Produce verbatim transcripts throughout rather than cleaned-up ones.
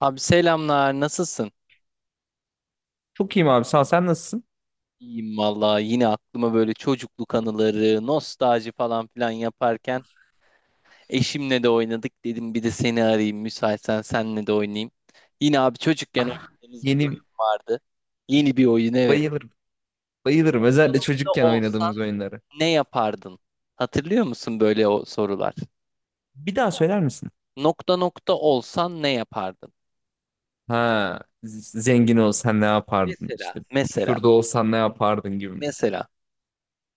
Abi selamlar, nasılsın? Çok iyiyim abi sağ ol. Sen nasılsın? İyiyim vallahi yine aklıma böyle çocukluk anıları, nostalji falan filan yaparken eşimle de oynadık dedim bir de seni arayayım müsaitsen senle de oynayayım. Yine abi çocukken Ah, oynadığımız bir oyun yeni vardı. Yeni bir oyun evet. bayılırım. Bayılırım. Özellikle Ne çocukken olsan oynadığımız oyunları. ne yapardın? Hatırlıyor musun böyle o sorular? Bir daha söyler misin? Nokta nokta olsan ne yapardın? Ha, z- zengin olsan ne yapardın? Mesela, İşte mesela, şurada olsan ne yapardın gibi. Mi? mesela.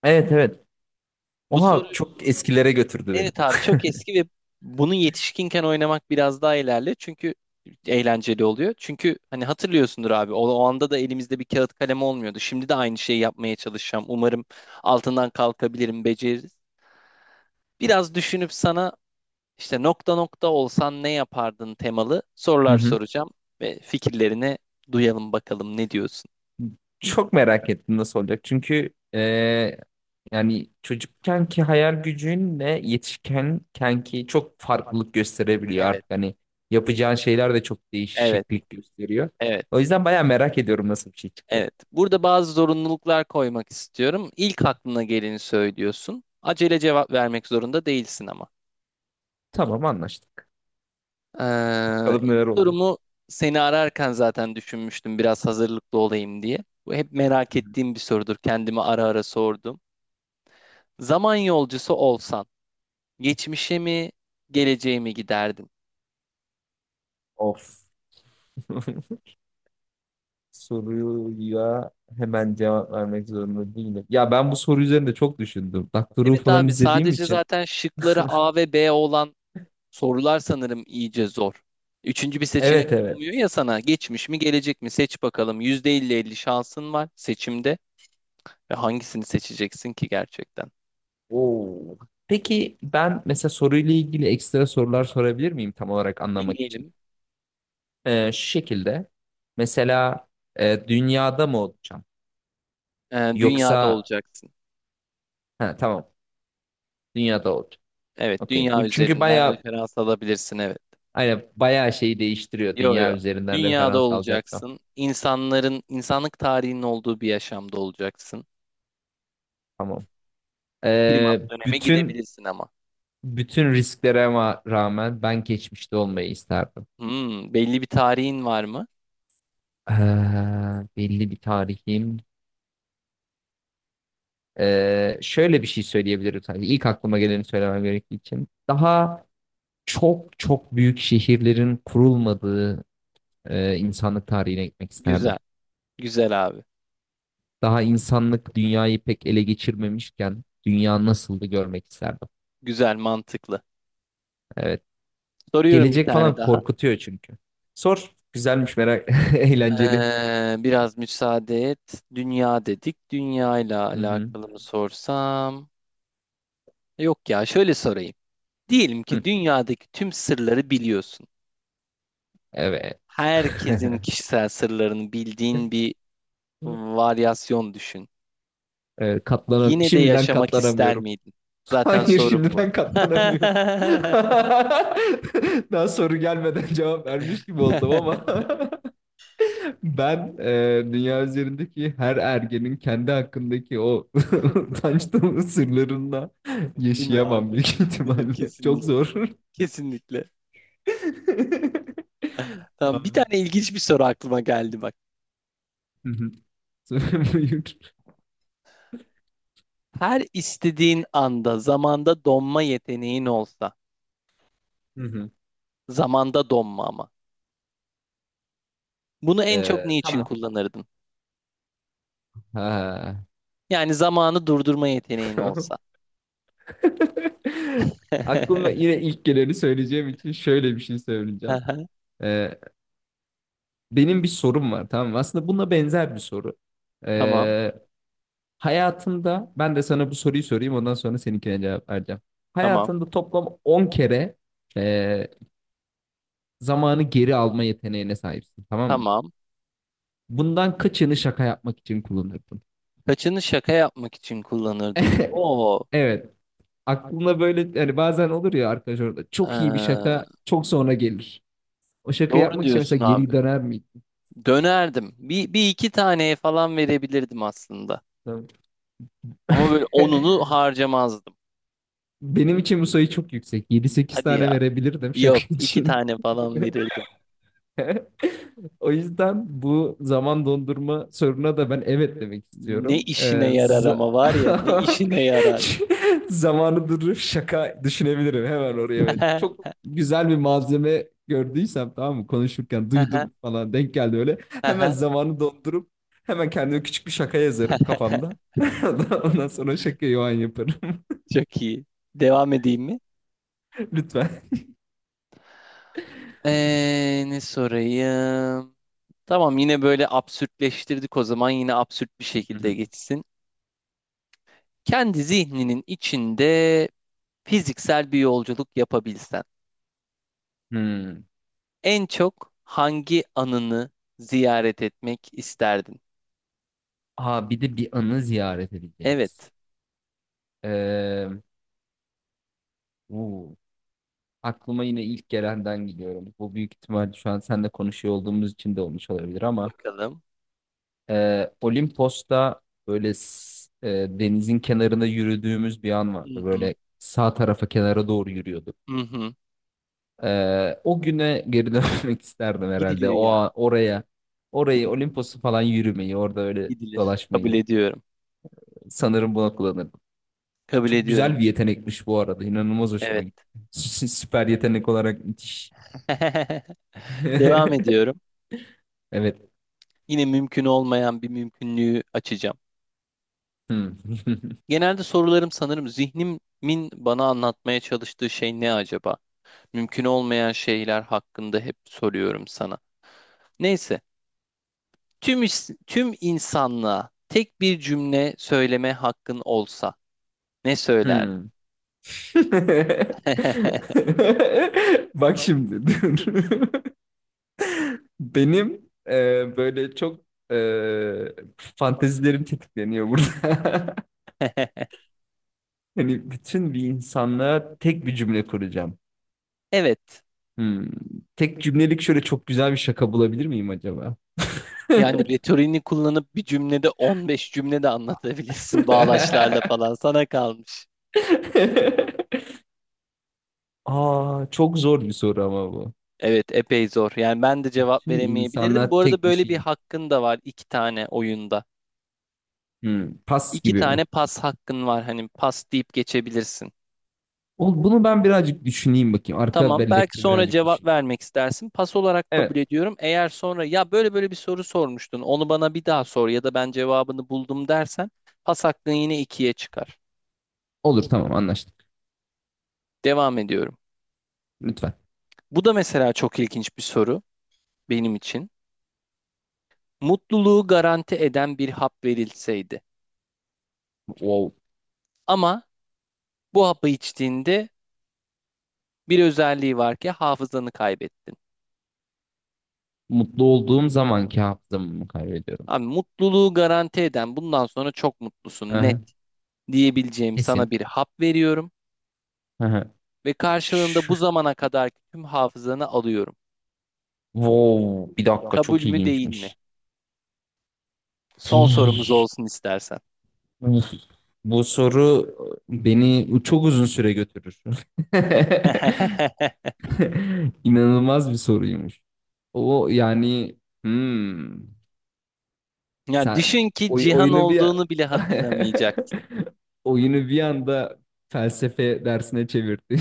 Evet, evet. Bu soru Oha çok eskilere götürdü beni. evet abi çok eski ve bunu yetişkinken oynamak biraz daha ilerli. Çünkü eğlenceli oluyor. Çünkü hani hatırlıyorsundur abi o, o anda da elimizde bir kağıt kalem olmuyordu. Şimdi de aynı şeyi yapmaya çalışacağım. Umarım altından kalkabilirim, beceririz. Biraz düşünüp sana işte nokta nokta olsan ne yapardın temalı Hı sorular hı. soracağım ve fikirlerini duyalım bakalım ne diyorsun? Çok merak ettim nasıl olacak. Çünkü e, yani çocukkenki hayal gücünle yetişkenkenki çok farklılık gösterebiliyor Evet, artık. Hani yapacağın şeyler de çok evet, değişiklik gösteriyor. evet. O yüzden bayağı merak ediyorum nasıl bir şey çıkacak. Evet, burada bazı zorunluluklar koymak istiyorum. İlk aklına geleni söylüyorsun. Acele cevap vermek zorunda değilsin ama. Tamam, anlaştık. Ee, Bakalım ilk neler oldu. sorumu seni ararken zaten düşünmüştüm biraz hazırlıklı olayım diye. Bu hep merak ettiğim bir sorudur. Kendime ara ara sordum. Zaman yolcusu olsan geçmişe mi geleceğe mi giderdin? Of. Soruya hemen cevap vermek zorunda değilim. Ya ben bu soru üzerinde çok düşündüm. Doctor Who Evet falan abi izlediğim sadece için. zaten şıkları A ve B olan sorular sanırım iyice zor. Üçüncü bir seçenek Evet, evet. sunmuyor ya sana. Geçmiş mi, gelecek mi? Seç bakalım, yüzde elli elli şansın var seçimde. Ve hangisini seçeceksin ki gerçekten? Oo. Peki ben mesela soruyla ilgili ekstra sorular sorabilir miyim tam olarak anlamak için? Deneyelim. Ee, şu şekilde mesela e, dünyada mı olacağım? Ee, dünyada Yoksa olacaksın. ha, tamam, dünyada olacağım. Evet, Okey. dünya Bu çünkü üzerinden bayağı referans alabilirsin. Evet. hani bayağı şeyi değiştiriyor Yo yo. dünya üzerinden Dünyada referans alacaksam. olacaksın. İnsanların, insanlık tarihinin olduğu bir yaşamda olacaksın. Tamam. Primat Ee, döneme bütün gidebilirsin ama. bütün risklere ma- rağmen ben geçmişte olmayı isterdim. Hmm, belli bir tarihin var mı? Ee, Belli bir tarihim Ee, şöyle bir şey söyleyebilirim sadece. İlk aklıma geleni söylemem gerektiği için. Daha çok çok büyük şehirlerin kurulmadığı e, insanlık tarihine gitmek isterdim. Güzel. Güzel abi. Daha insanlık dünyayı pek ele geçirmemişken dünya nasıldı görmek isterdim. Güzel, mantıklı. Evet. Soruyorum bir Gelecek tane falan daha. korkutuyor çünkü. Sor. Güzelmiş merak. Eğlenceli. Ee, biraz müsaade et. Dünya dedik. Dünya ile Hı hı. alakalı mı sorsam? Yok ya, şöyle sorayım. Diyelim ki Hı. dünyadaki tüm sırları biliyorsun. Evet. Herkesin kişisel sırlarını bildiğin bir varyasyon düşün. Ee, katlanam Yine de şimdiden yaşamak ister katlanamıyorum. miydin? Zaten Hayır, sorun bu. şimdiden katlanamıyorum. Daha soru gelmeden cevap vermiş gibi oldum ama ben e, dünya üzerindeki her ergenin kendi hakkındaki o utanç dolu sırlarında Değil mi yaşayamam abi? büyük Değil mi? ihtimalle. Çok Kesinlikle. zor. Kesinlikle. Ha. Tamam, bir tane ilginç bir soru aklıma geldi bak. Hı hı. Buyur. Her istediğin anda zamanda donma yeteneğin olsa, Hı hı. zamanda donma ama. Bunu en çok Ee, niçin Tamam. kullanırdın? Ha. Yani zamanı durdurma yeteneğin olsa. Aklıma yine ilk geleni söyleyeceğim için şöyle bir şey söyleyeceğim. Aha, Ee, Benim bir sorum var, tamam mı? Aslında buna benzer bir soru. tamam, Ee, Hayatında ben de sana bu soruyu sorayım, ondan sonra seninkine cevap vereceğim. tamam, Hayatında toplam on kere e, zamanı geri alma yeteneğine sahipsin, tamam mı? tamam. Bundan kaçını şaka yapmak için kullanırdın? Kaçını şaka yapmak için kullanırdım. Oo, Evet. Aklına böyle hani bazen olur ya arkadaş, orada çok iyi bir ee, şaka çok sonra gelir. O şaka doğru yapmak için diyorsun mesela geri abi. döner miydin? Dönerdim. Bir, bir iki taneye falan verebilirdim aslında. Tamam. Ama böyle onunu harcamazdım. Benim için bu sayı çok yüksek. Yedi sekiz Hadi tane ya. verebilirdim şaka Yok, iki için. tane falan verirdim. O yüzden bu zaman dondurma soruna da ben evet demek Ne istiyorum. Ee, işine yarar ama za- var ya ne işine yarar. Zamanı durup şaka düşünebilirim hemen oraya. Ben. Çok güzel bir malzeme gördüysem, tamam mı, konuşurken duydum falan, denk geldi öyle. Hemen zamanı dondurup hemen kendime küçük bir şaka yazarım kafamda. Ondan sonra şakayı o an yaparım. Çok iyi. Devam edeyim mi? Lütfen. Ee, ne sorayım? Tamam yine böyle absürtleştirdik o zaman yine absürt bir Hı şekilde hı. geçsin. Kendi zihninin içinde fiziksel bir yolculuk yapabilsen Hmm. en çok hangi anını ziyaret etmek isterdin? Aa, bir de bir anı ziyaret edeceğiz. Evet. Ee, uu, Aklıma yine ilk gelenden gidiyorum. Bu büyük ihtimal şu an seninle konuşuyor olduğumuz için de olmuş olabilir ama Bakalım. e, Olimpos'ta böyle s- e, denizin kenarında yürüdüğümüz bir an Hı vardı. hı. Böyle sağ tarafa kenara doğru yürüyorduk. Hı hı. E, o güne geri dönmek isterdim herhalde. Gidilir O ya. A- oraya, orayı Gidilir. Olimpos'u falan yürümeyi, orada öyle Gidilir. Kabul dolaşmayı ediyorum. sanırım buna kullanırdım. Kabul Çok güzel ediyorum. bir yetenekmiş bu arada. İnanılmaz hoşuma gitti. Evet. Süper yetenek olarak müthiş. Devam ediyorum. Evet. Yine mümkün olmayan bir mümkünlüğü açacağım. Hmm. Genelde sorularım sanırım zihnimin bana anlatmaya çalıştığı şey ne acaba? Mümkün olmayan şeyler hakkında hep soruyorum sana. Neyse, tüm is- tüm insanlığa tek bir cümle söyleme hakkın olsa ne söylerdin? Hmm. Bak şimdi dur. Benim e, böyle çok e, fantezilerim tetikleniyor burada. Hani bütün bir insanla tek bir cümle kuracağım. Evet. Hmm. Tek cümlelik şöyle çok güzel bir şaka bulabilir miyim acaba? Yani retorini kullanıp bir cümlede on beş cümle de anlatabilirsin bağlaçlarla falan sana kalmış. Aa, çok zor bir soru ama bu. Evet, epey zor. Yani ben de cevap Bütün veremeyebilirdim. Bu insanlar arada tek bir böyle bir şey. hakkın da var iki tane oyunda. Hmm, pas İki gibi mi? tane pas hakkın var. Hani pas deyip geçebilirsin. Ol- Bunu ben birazcık düşüneyim bakayım. Arka Tamam, belki bellekte sonra birazcık cevap düşüneyim. vermek istersin. Pas olarak kabul Evet. ediyorum. Eğer sonra ya böyle böyle bir soru sormuştun, onu bana bir daha sor ya da ben cevabını buldum dersen pas hakkın yine ikiye çıkar. Olur, tamam, anlaştık. Devam ediyorum. Lütfen. Bu da mesela çok ilginç bir soru benim için. Mutluluğu garanti eden bir hap verilseydi. Wow. Ama bu hapı içtiğinde bir özelliği var ki hafızanı kaybettin. Mutlu olduğum zamanki hafızamı mı kaybediyorum? Abi mutluluğu garanti eden bundan sonra çok mutlusun net Aha, diyebileceğim kesin. sana bir hap veriyorum Aha. ve karşılığında Şu. bu zamana kadar tüm hafızanı alıyorum. Wow. Bir dakika, Kabul çok mü değil mi? ilginçmiş. Son sorumuz olsun istersen. Uf, bu soru beni çok uzun süre götürür. İnanılmaz bir soruymuş. O yani hmm. Ya Sen düşün ki oy- Cihan oyunu bir olduğunu bile hatırlamayacaksın. oyunu bir anda felsefe dersine çevirdin.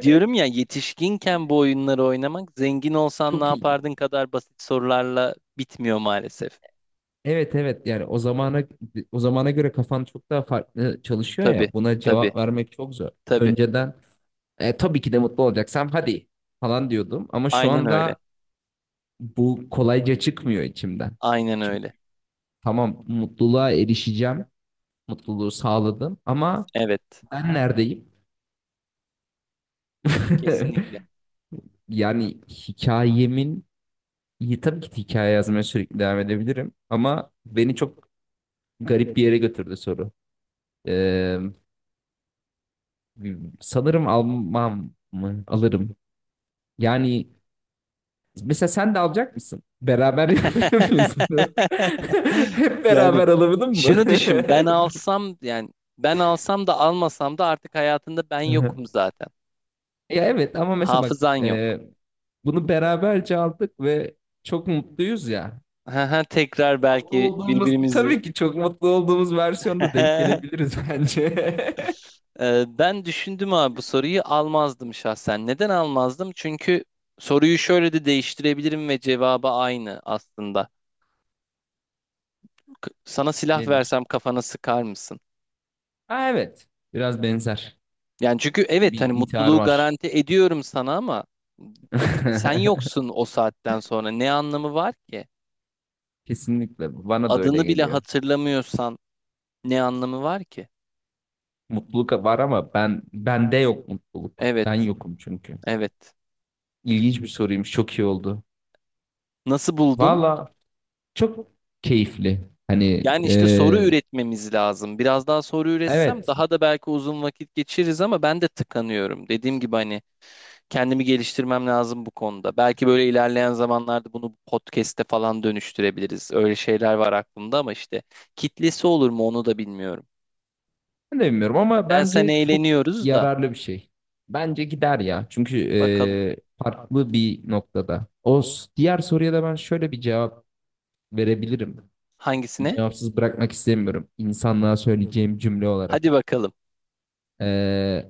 Diyorum ya yetişkinken bu oyunları oynamak zengin olsan ne Çok iyi. yapardın kadar basit sorularla bitmiyor maalesef. Evet, evet, yani o zamana o zamana göre kafan çok daha farklı çalışıyor Tabii, ya, buna tabii, cevap vermek çok zor. tabii. Önceden "E, tabii ki de mutlu olacaksam hadi falan diyordum ama şu Aynen öyle. anda bu kolayca çıkmıyor içimden. Aynen Çünkü öyle. tamam, mutluluğa erişeceğim, mutluluğu sağladım ama Evet. ben neredeyim? Kesinlikle. Yani hikayemin iyi, tabii ki hikaye yazmaya sürekli devam edebilirim ama beni çok garip bir yere götürdü soru. Ee, Sanırım almam mı? Alırım. Yani mesela sen de alacak mısın? Beraber yapıyorsun. Hep Yani beraber alamadın mı? şunu düşün ben alsam yani ben alsam da almasam da artık hayatında ben Hı yokum hı. zaten. Ya evet, ama mesela bak, Hafızan yok. e, bunu beraberce aldık ve çok mutluyuz ya. Tekrar Mutlu belki olduğumuz, birbirimizi. tabii ki çok mutlu olduğumuz versiyonda denk gelebiliriz bence. Ee, Ben düşündüm abi bu soruyu almazdım şahsen. Neden almazdım? Çünkü soruyu şöyle de değiştirebilirim ve cevabı aynı aslında. K- Sana silah Nedir? versem kafana sıkar mısın? Ha evet. Biraz benzer. Yani çünkü Bir, evet bir hani intihar mutluluğu var. garanti ediyorum sana ama sen yoksun o saatten sonra ne anlamı var ki? Kesinlikle bana da öyle Adını bile geliyor. hatırlamıyorsan ne anlamı var ki? Mutluluk var ama ben, bende yok mutluluk. Ben Evet, yokum çünkü. evet. İlginç bir soruymuş. Çok iyi oldu. Nasıl buldun? Valla çok keyifli. Hani Yani işte soru e, üretmemiz lazım. Biraz daha soru üretsem evet. daha da belki uzun vakit geçiririz ama ben de tıkanıyorum. Dediğim gibi hani kendimi geliştirmem lazım bu konuda. Belki böyle ilerleyen zamanlarda bunu podcast'e falan dönüştürebiliriz. Öyle şeyler var aklımda ama işte kitlesi olur mu onu da bilmiyorum. Ben de bilmiyorum ama Ben sen bence çok eğleniyoruz da yararlı bir şey. Bence gider ya. Çünkü bakalım e, farklı bir noktada. O s- diğer soruya da ben şöyle bir cevap verebilirim. hangisine? Cevapsız bırakmak istemiyorum. İnsanlığa söyleyeceğim cümle olarak. Hadi bakalım. E,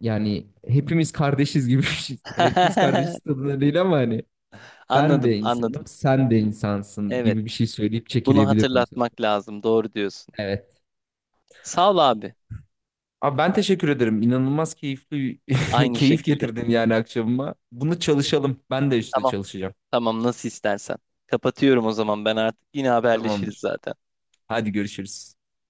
yani hepimiz kardeşiz gibi bir şey. Yani hepimiz kardeşiz tadında değil ama hani ben Anladım, de insanım, anladım. sen de insansın gibi bir Evet. şey söyleyip Bunu çekilebilirdim sanırım. hatırlatmak lazım. Doğru diyorsun. Evet. Sağ ol abi. Abi ben teşekkür ederim. İnanılmaz keyifli Aynı keyif şekilde. getirdin yani akşamıma. Bunu çalışalım. Ben de işte Tamam. çalışacağım. Tamam nasıl istersen. Kapatıyorum o zaman ben artık. Yine haberleşiriz Tamamdır. zaten. Hadi görüşürüz.